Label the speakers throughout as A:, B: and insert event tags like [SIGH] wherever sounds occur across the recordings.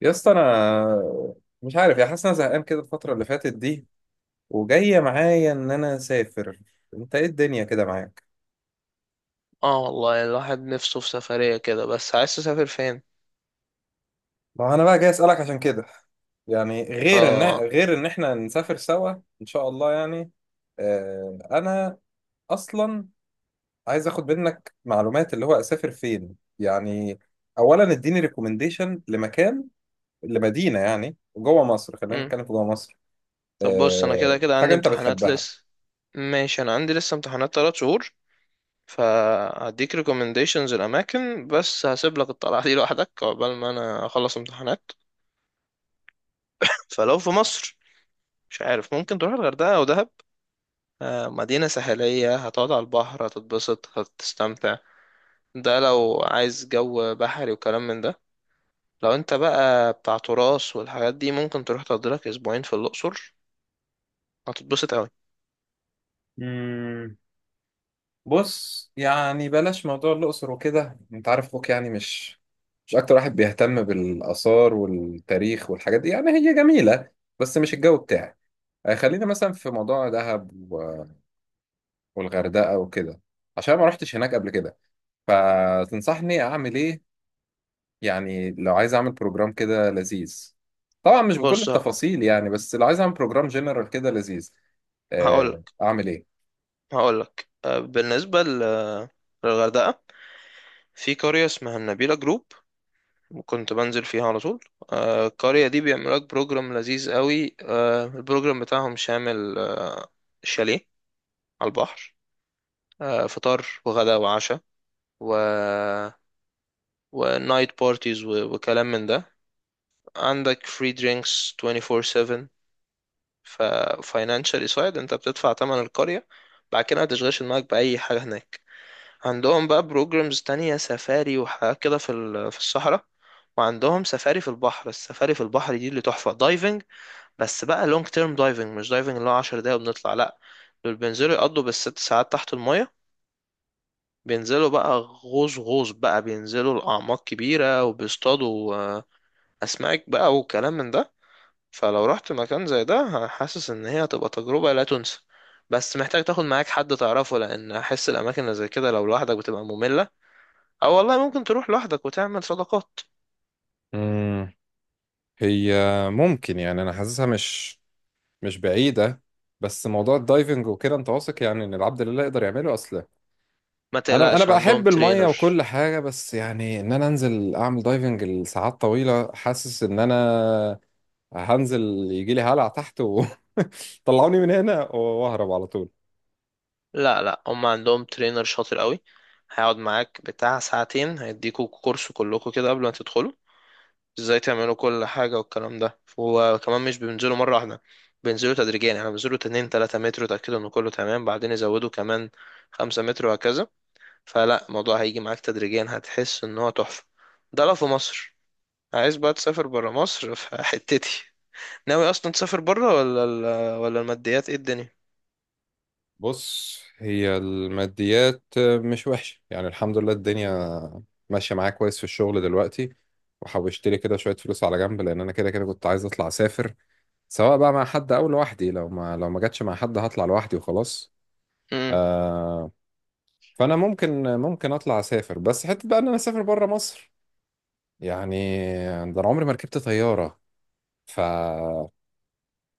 A: يا اسطى انا مش عارف يا حاسس إن انا زهقان كده الفتره اللي فاتت دي، وجايه معايا ان انا اسافر. انت ايه الدنيا كده معاك؟
B: اه والله، الواحد نفسه في سفرية كده. بس عايز تسافر فين؟
A: ما انا بقى جاي اسالك عشان كده. يعني غير ان
B: اه.
A: احنا نسافر سوا ان شاء الله. يعني انا اصلا عايز اخد منك معلومات اللي هو اسافر فين يعني. اولا اديني ريكومنديشن لمكان، لمدينه، يعني جوه مصر، خلينا
B: مم.
A: نتكلم في جوه مصر.
B: طب بص، انا كده
A: آه
B: كده
A: حاجه
B: عندي
A: انت
B: امتحانات
A: بتحبها.
B: لسه. ماشي، انا عندي لسه امتحانات 3 شهور. فهديك recommendations الاماكن، بس هسيب لك الطلعة دي لوحدك عقبال ما انا اخلص امتحانات. فلو في مصر، مش عارف، ممكن تروح الغردقة او دهب. مدينة ساحلية، هتقعد على البحر، هتتبسط، هتستمتع. ده لو عايز جو بحري وكلام من ده. لو انت بقى بتاع تراث والحاجات دي، ممكن تروح تقضي لك اسبوعين في الاقصر، هتتبسط قوي.
A: بص يعني بلاش موضوع الأقصر وكده، انت عارف اخوك يعني مش اكتر واحد بيهتم بالآثار والتاريخ والحاجات دي. يعني هي جميلة بس مش الجو بتاعي. آه، خلينا مثلا في موضوع دهب والغردقة وكده، عشان ما رحتش هناك قبل كده. فتنصحني اعمل ايه يعني؟ لو عايز اعمل بروجرام كده لذيذ، طبعا مش بكل
B: بص،
A: التفاصيل يعني، بس لو عايز اعمل بروجرام جنرال كده لذيذ
B: هقول
A: آه،
B: لك
A: اعمل ايه؟
B: هقول لك بالنسبه للغردقه. في قريه اسمها النبيله جروب، كنت بنزل فيها على طول. القريه دي بيعمل لك بروجرام لذيذ قوي. البروجرام بتاعهم شامل. شاليه على البحر، فطار وغدا وعشاء، و ونايت بارتيز وكلام من ده. عندك فري درينكس 24/7. ففاينانشالي سايد، انت بتدفع تمن القرية، بعد كده ما تشغلش دماغك بأي حاجة هناك. عندهم بقى بروجرامز تانية، سفاري وحاجات كده، في الصحراء. وعندهم سفاري في البحر. السفاري في البحر دي اللي تحفة، دايفنج. بس بقى لونج تيرم دايفنج، مش دايفنج اللي هو 10 دقايق وبنطلع، لا. دول بينزلوا يقضوا بالست ساعات تحت المية. بينزلوا بقى غوص غوص، بقى بينزلوا لأعماق كبيرة وبيصطادوا أسماك بقى وكلام من ده. فلو رحت مكان زي ده، حاسس ان هي هتبقى تجربة لا تنسى. بس محتاج تاخد معاك حد تعرفه، لان احس الاماكن اللي زي كده لو لوحدك بتبقى مملة. او والله ممكن تروح لوحدك وتعمل صداقات.
A: امم، هي ممكن، يعني انا حاسسها مش بعيدة، بس موضوع الدايفنج وكده انت واثق يعني ان العبد لله يقدر يعمله اصلا؟
B: ما
A: انا
B: تقلقش، عندهم
A: بحب المية
B: ترينر.
A: وكل حاجة، بس يعني ان انا انزل اعمل دايفنج لساعات طويلة حاسس ان انا هنزل يجي لي هلع تحت وطلعوني [LAUGHS] من هنا واهرب على طول.
B: لا، لا، هم عندهم ترينر شاطر قوي. هيقعد معاك بتاع ساعتين، هيديكوا كورس كلكوا كده قبل ما تدخلوا، ازاي تعملوا كل حاجة والكلام ده. وكمان مش بينزلوا مرة واحدة، بينزلوا تدريجيا. يعني بينزلوا 2 3 متر، يتأكدوا ان كله تمام، بعدين يزودوا كمان 5 متر، وهكذا. فلا، الموضوع هيجي معاك تدريجيا، هتحس ان هو تحفة. ده لو في مصر. عايز بقى تسافر برا مصر؟ [LAUGHS] فحتتي، ناوي اصلا تسافر برا، ولا الماديات ايه الدنيا؟
A: بص، هي الماديات مش وحشة يعني، الحمد لله الدنيا ماشية معايا كويس في الشغل دلوقتي، وحوشت لي كده شوية فلوس على جنب، لان انا كده كده كنت عايز اطلع اسافر، سواء بقى مع حد او لوحدي. لو ما جاتش مع حد هطلع لوحدي وخلاص.
B: امم.
A: آه، فانا ممكن اطلع اسافر، بس حته بقى ان انا اسافر بره مصر يعني، ده انا عمري ما ركبت طياره. ف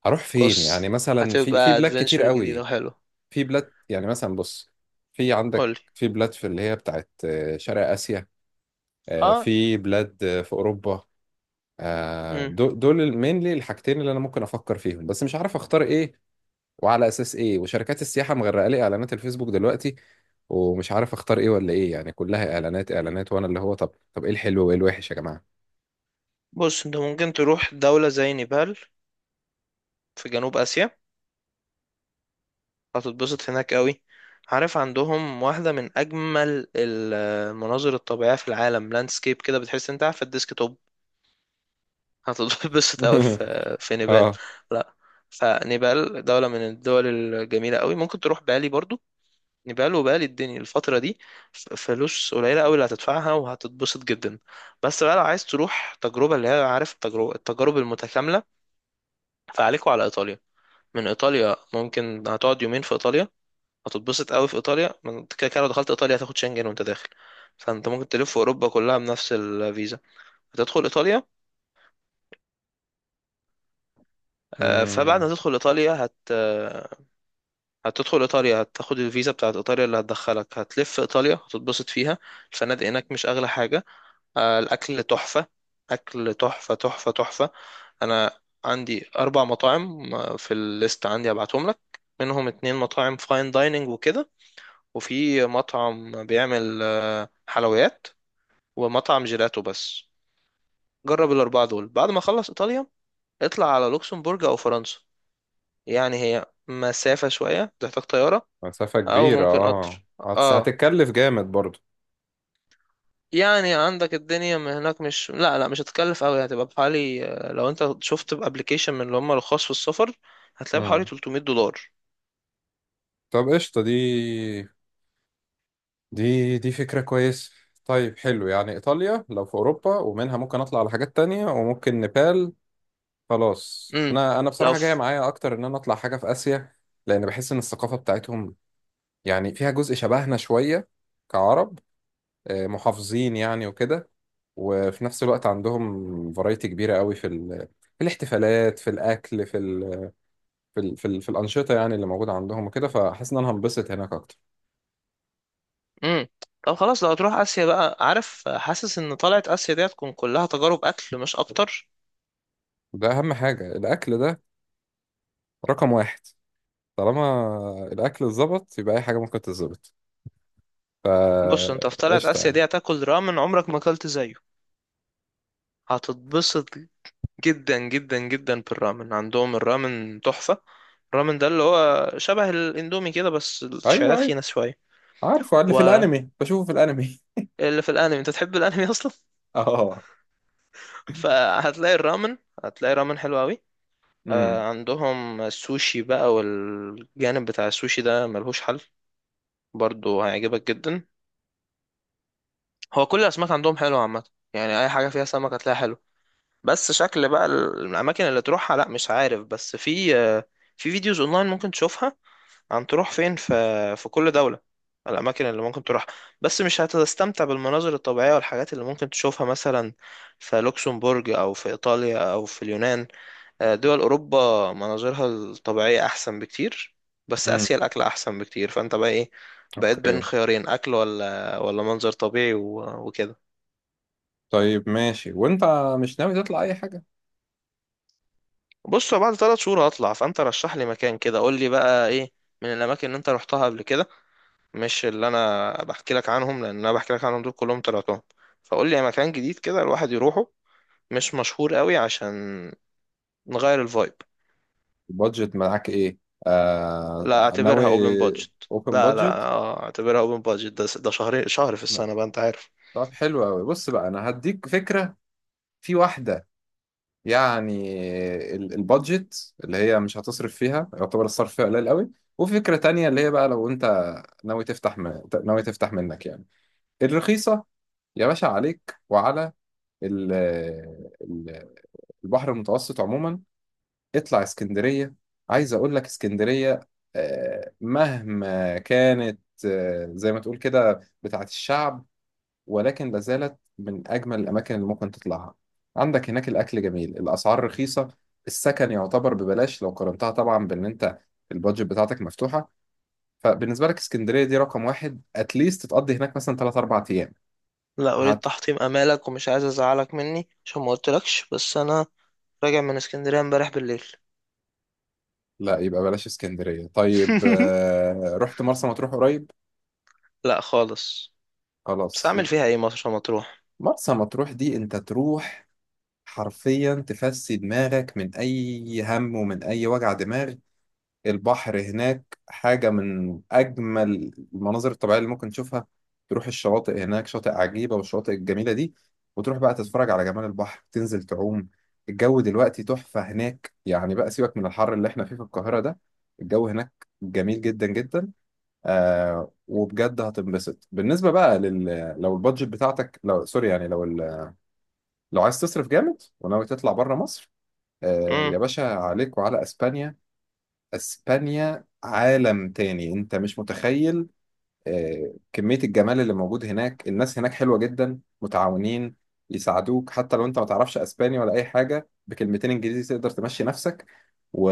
A: هروح فين
B: بص،
A: يعني؟ مثلا في
B: هتبقى
A: بلاد كتير
B: ادفنتشر جديدة
A: قوي.
B: وحلو.
A: في بلاد يعني مثلا، بص، في عندك
B: قولي.
A: في بلاد في اللي هي بتاعت آه، شرق اسيا، آه،
B: اه.
A: في بلاد آه، في اوروبا. آه،
B: امم.
A: دول مينلي الحاجتين اللي انا ممكن افكر فيهم، بس مش عارف اختار ايه وعلى اساس ايه. وشركات السياحه مغرقه لي اعلانات الفيسبوك دلوقتي، ومش عارف اختار ايه ولا ايه، يعني كلها اعلانات، وانا اللي هو طب، ايه الحلو وايه الوحش يا جماعه؟
B: بص، انت ممكن تروح دولة زي نيبال، في جنوب اسيا. هتتبسط هناك قوي. عارف، عندهم واحدة من أجمل المناظر الطبيعية في العالم، لاندسكيب كده بتحس انت قاعد في الديسك. هتتبسط قوي
A: [LAUGHS]
B: في نيبال.
A: اه.
B: لا. فنيبال دولة من الدول الجميلة قوي. ممكن تروح بالي برضو. نيبال وبالي، الدنيا الفترة دي، فلوس قليلة قوي اللي هتدفعها وهتتبسط جدا. بس بقى لو عايز تروح تجربة اللي هي عارف، التجارب المتكاملة، فعليكوا على إيطاليا. من إيطاليا ممكن هتقعد يومين في إيطاليا، هتتبسط قوي في إيطاليا. من كده كده لو دخلت إيطاليا هتاخد شنجن وأنت داخل، فأنت ممكن تلف في أوروبا كلها بنفس الفيزا. هتدخل إيطاليا. فبعد ما
A: امم.
B: تدخل إيطاليا هتدخل ايطاليا، هتاخد الفيزا بتاعت ايطاليا اللي هتدخلك، هتلف ايطاليا، هتتبسط فيها. الفنادق هناك مش اغلى حاجه. الاكل تحفه. اكل تحفه تحفه تحفه. انا عندي 4 مطاعم في الليست عندي، هبعتهم لك. منهم اتنين مطاعم فاين دايننج وكده، وفي مطعم بيعمل حلويات، ومطعم جيلاتو بس. جرب الاربعه دول. بعد ما اخلص ايطاليا، اطلع على لوكسمبورج او فرنسا. يعني هي مسافه شويه، تحتاج طياره.
A: مسافه
B: او
A: كبيره
B: ممكن
A: اه،
B: قطر. اه.
A: هتتكلف جامد برضو.
B: يعني عندك الدنيا من هناك. مش، لا لا، مش هتكلف قوي، هتبقى بحوالي، لو انت شفت بابليكيشن من اللي هم الخاص في السفر، هتلاقي بحوالي
A: امم،
B: $300.
A: طب قشطه، دي دي فكره كويسه. طيب حلو، يعني ايطاليا لو في اوروبا ومنها ممكن اطلع على حاجات تانية، وممكن نيبال. خلاص،
B: امم.
A: انا
B: لو
A: بصراحه جايه
B: في.
A: معايا اكتر ان انا اطلع حاجه في اسيا، لان بحس ان الثقافه بتاعتهم يعني فيها جزء شبهنا شوية، كعرب، آه، محافظين يعني وكده. وفي نفس الوقت عندهم فرايتي كبيرة قوي في الاحتفالات، في الأكل، في الأنشطة يعني اللي موجودة عندهم وكده. فحاسس إن أنا هنبسط هناك أكتر.
B: امم. طب خلاص، لو هتروح اسيا بقى، عارف، حاسس ان طلعت اسيا دي هتكون كلها تجارب اكل، مش اكتر.
A: ده أهم حاجة، الأكل ده رقم واحد. طالما الأكل اتظبط يبقى أي حاجة ممكن تتظبط، فا
B: بص، انت في طلعت
A: قشطة
B: اسيا
A: يعني.
B: دي هتاكل رامن عمرك ما اكلت زيه. هتتبسط جدا جدا جدا بالرامن. عندهم الرامن تحفة. الرامن ده اللي هو شبه الاندومي كده، بس
A: أيوه
B: الشعرات
A: أيوه،
B: خينة شوية.
A: عارفه اللي في الأنمي، بشوفه في الأنمي.
B: اللي في الانمي، انت تحب الانمي اصلا؟
A: [LAUGHS] أه.
B: [LAUGHS] فهتلاقي الرامن. هتلاقي رامن حلو قوي.
A: امم.
B: عندهم السوشي بقى، والجانب بتاع السوشي ده ملهوش حل. برضو هيعجبك جدا. هو كل الاسماك عندهم حلوه عامه، يعني اي حاجه فيها سمك هتلاقيها حلو. بس شكل بقى الاماكن اللي تروحها، لا مش عارف، بس في في فيديوز اونلاين ممكن تشوفها، عن تروح فين في كل دولة، الأماكن اللي ممكن تروح. بس مش هتستمتع بالمناظر الطبيعية والحاجات اللي ممكن تشوفها مثلا في لوكسمبورج أو في إيطاليا أو في اليونان. دول أوروبا، مناظرها الطبيعية أحسن بكتير. بس آسيا
A: امم.
B: الأكل أحسن بكتير. فأنت بقى إيه، بقيت بين
A: اوكي.
B: خيارين، أكل ولا منظر طبيعي وكده؟
A: طيب ماشي، وانت مش ناوي تطلع اي حاجه؟
B: بص، هو بعد 3 شهور هطلع. فأنت رشح لي مكان كده، قول لي بقى إيه، من الأماكن اللي أنت روحتها قبل كده. مش اللي انا بحكي لك عنهم، لان انا بحكي لك عنهم دول كلهم طلعتهم. فقول لي يعني مكان جديد كده الواحد يروحه، مش مشهور قوي، عشان نغير الفايب.
A: البادجت معاك ايه؟
B: لا،
A: آه ناوي.
B: اعتبرها اوبن بادجت.
A: اوبن
B: لا لا،
A: بادجت،
B: اعتبرها اوبن بادجت. ده شهر شهر في السنة
A: ماشي.
B: بقى، انت عارف.
A: طب حلو قوي، بص بقى انا هديك فكرة. في واحدة يعني، البادجت اللي هي مش هتصرف فيها، يعتبر الصرف فيها قليل قوي. وفي فكرة تانية اللي هي بقى لو انت ناوي تفتح منك يعني الرخيصة. يا باشا عليك وعلى ال... ال- البحر المتوسط عموما، اطلع اسكندرية. عايز اقول لك اسكندرية آه، مهما كانت آه، زي ما تقول كده بتاعت الشعب، ولكن لا زالت من اجمل الاماكن اللي ممكن تطلعها. عندك هناك الاكل جميل، الاسعار رخيصة، السكن يعتبر ببلاش، لو قارنتها طبعا بان انت البادجت بتاعتك مفتوحة. فبالنسبة لك اسكندرية دي رقم واحد، اتليست تقضي هناك مثلا 3 أو 4 ايام.
B: لا اريد
A: هت...
B: تحطيم امالك، ومش عايز ازعلك مني عشان ما قلتلكش، بس انا راجع من اسكندرية امبارح بالليل.
A: لا يبقى بلاش اسكندرية. طيب
B: [LAUGHS]
A: آه، رحت مرسى مطروح قريب؟
B: لا خالص. بس
A: خلاص
B: اعمل فيها
A: يبقى،
B: ايه مرسى مطروح؟
A: مرسى مطروح دي انت تروح حرفيا تفسي دماغك من أي هم ومن أي وجع دماغ. البحر هناك حاجة من أجمل المناظر الطبيعية اللي ممكن تشوفها. تروح الشواطئ هناك، شاطئ عجيبة والشواطئ الجميلة دي، وتروح بقى تتفرج على جمال البحر، تنزل تعوم. الجو دلوقتي تحفة هناك، يعني بقى سيبك من الحر اللي احنا فيه في القاهرة ده، الجو هناك جميل جدا جدا. آه وبجد هتنبسط. بالنسبة بقى لو البادجت بتاعتك لو سوري يعني لو عايز تصرف جامد وناوي تطلع بره مصر، آه،
B: امم.
A: يا باشا عليك وعلى اسبانيا. اسبانيا عالم تاني انت مش متخيل. آه، كمية الجمال اللي موجود هناك، الناس هناك حلوة جدا، متعاونين، يساعدوك حتى لو انت ما تعرفش اسباني ولا اي حاجة، بكلمتين انجليزي تقدر تمشي نفسك. و...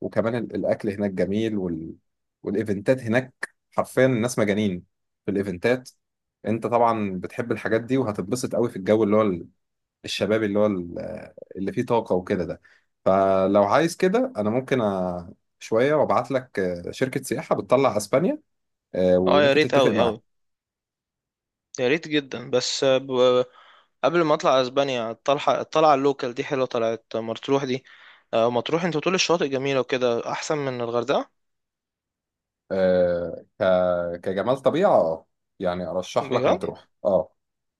A: وكمان الاكل هناك جميل والايفنتات هناك حرفيا الناس مجانين في الايفنتات. انت طبعا بتحب الحاجات دي وهتتبسط قوي في الجو اللي هو الشباب اللي هو اللي فيه طاقة وكده ده. فلو عايز كده أنا ممكن شوية وأبعت لك آه، شركة سياحة بتطلع أسبانيا، آه،
B: اه، يا
A: وممكن
B: ريت
A: تتفق
B: قوي
A: معاهم.
B: قوي. يا ريت جدا. بس قبل ما اطلع اسبانيا، الطلعه اللوكال دي حلوه، طلعت مطروح دي. مطروح انت بتقول الشواطئ جميله وكده، احسن من الغردقه؟
A: آه، كجمال طبيعة أه، يعني أرشح لك
B: بجد؟
A: مطروح أه.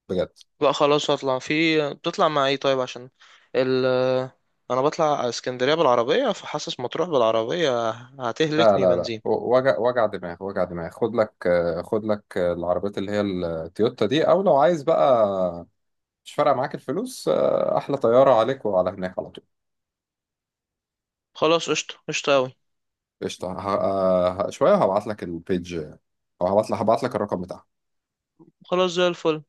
A: بجد.
B: لا خلاص هطلع في. بتطلع مع ايه طيب؟ عشان ال انا بطلع اسكندريه بالعربيه، فحاسس مطروح بالعربيه
A: لا
B: هتهلكني
A: لا لا،
B: بنزين.
A: وجع دماغ، خد لك آه، العربيات اللي هي التويوتا دي، أو لو عايز بقى مش فارقة معاك الفلوس آه، أحلى طيارة عليك وعلى هناك على طول.
B: خلاص، قشطه قشطه قوي.
A: قشطة، شوية وهبعت لك البيج، أو هبعت لك الرقم بتاعها.
B: خلاص، زي الفل.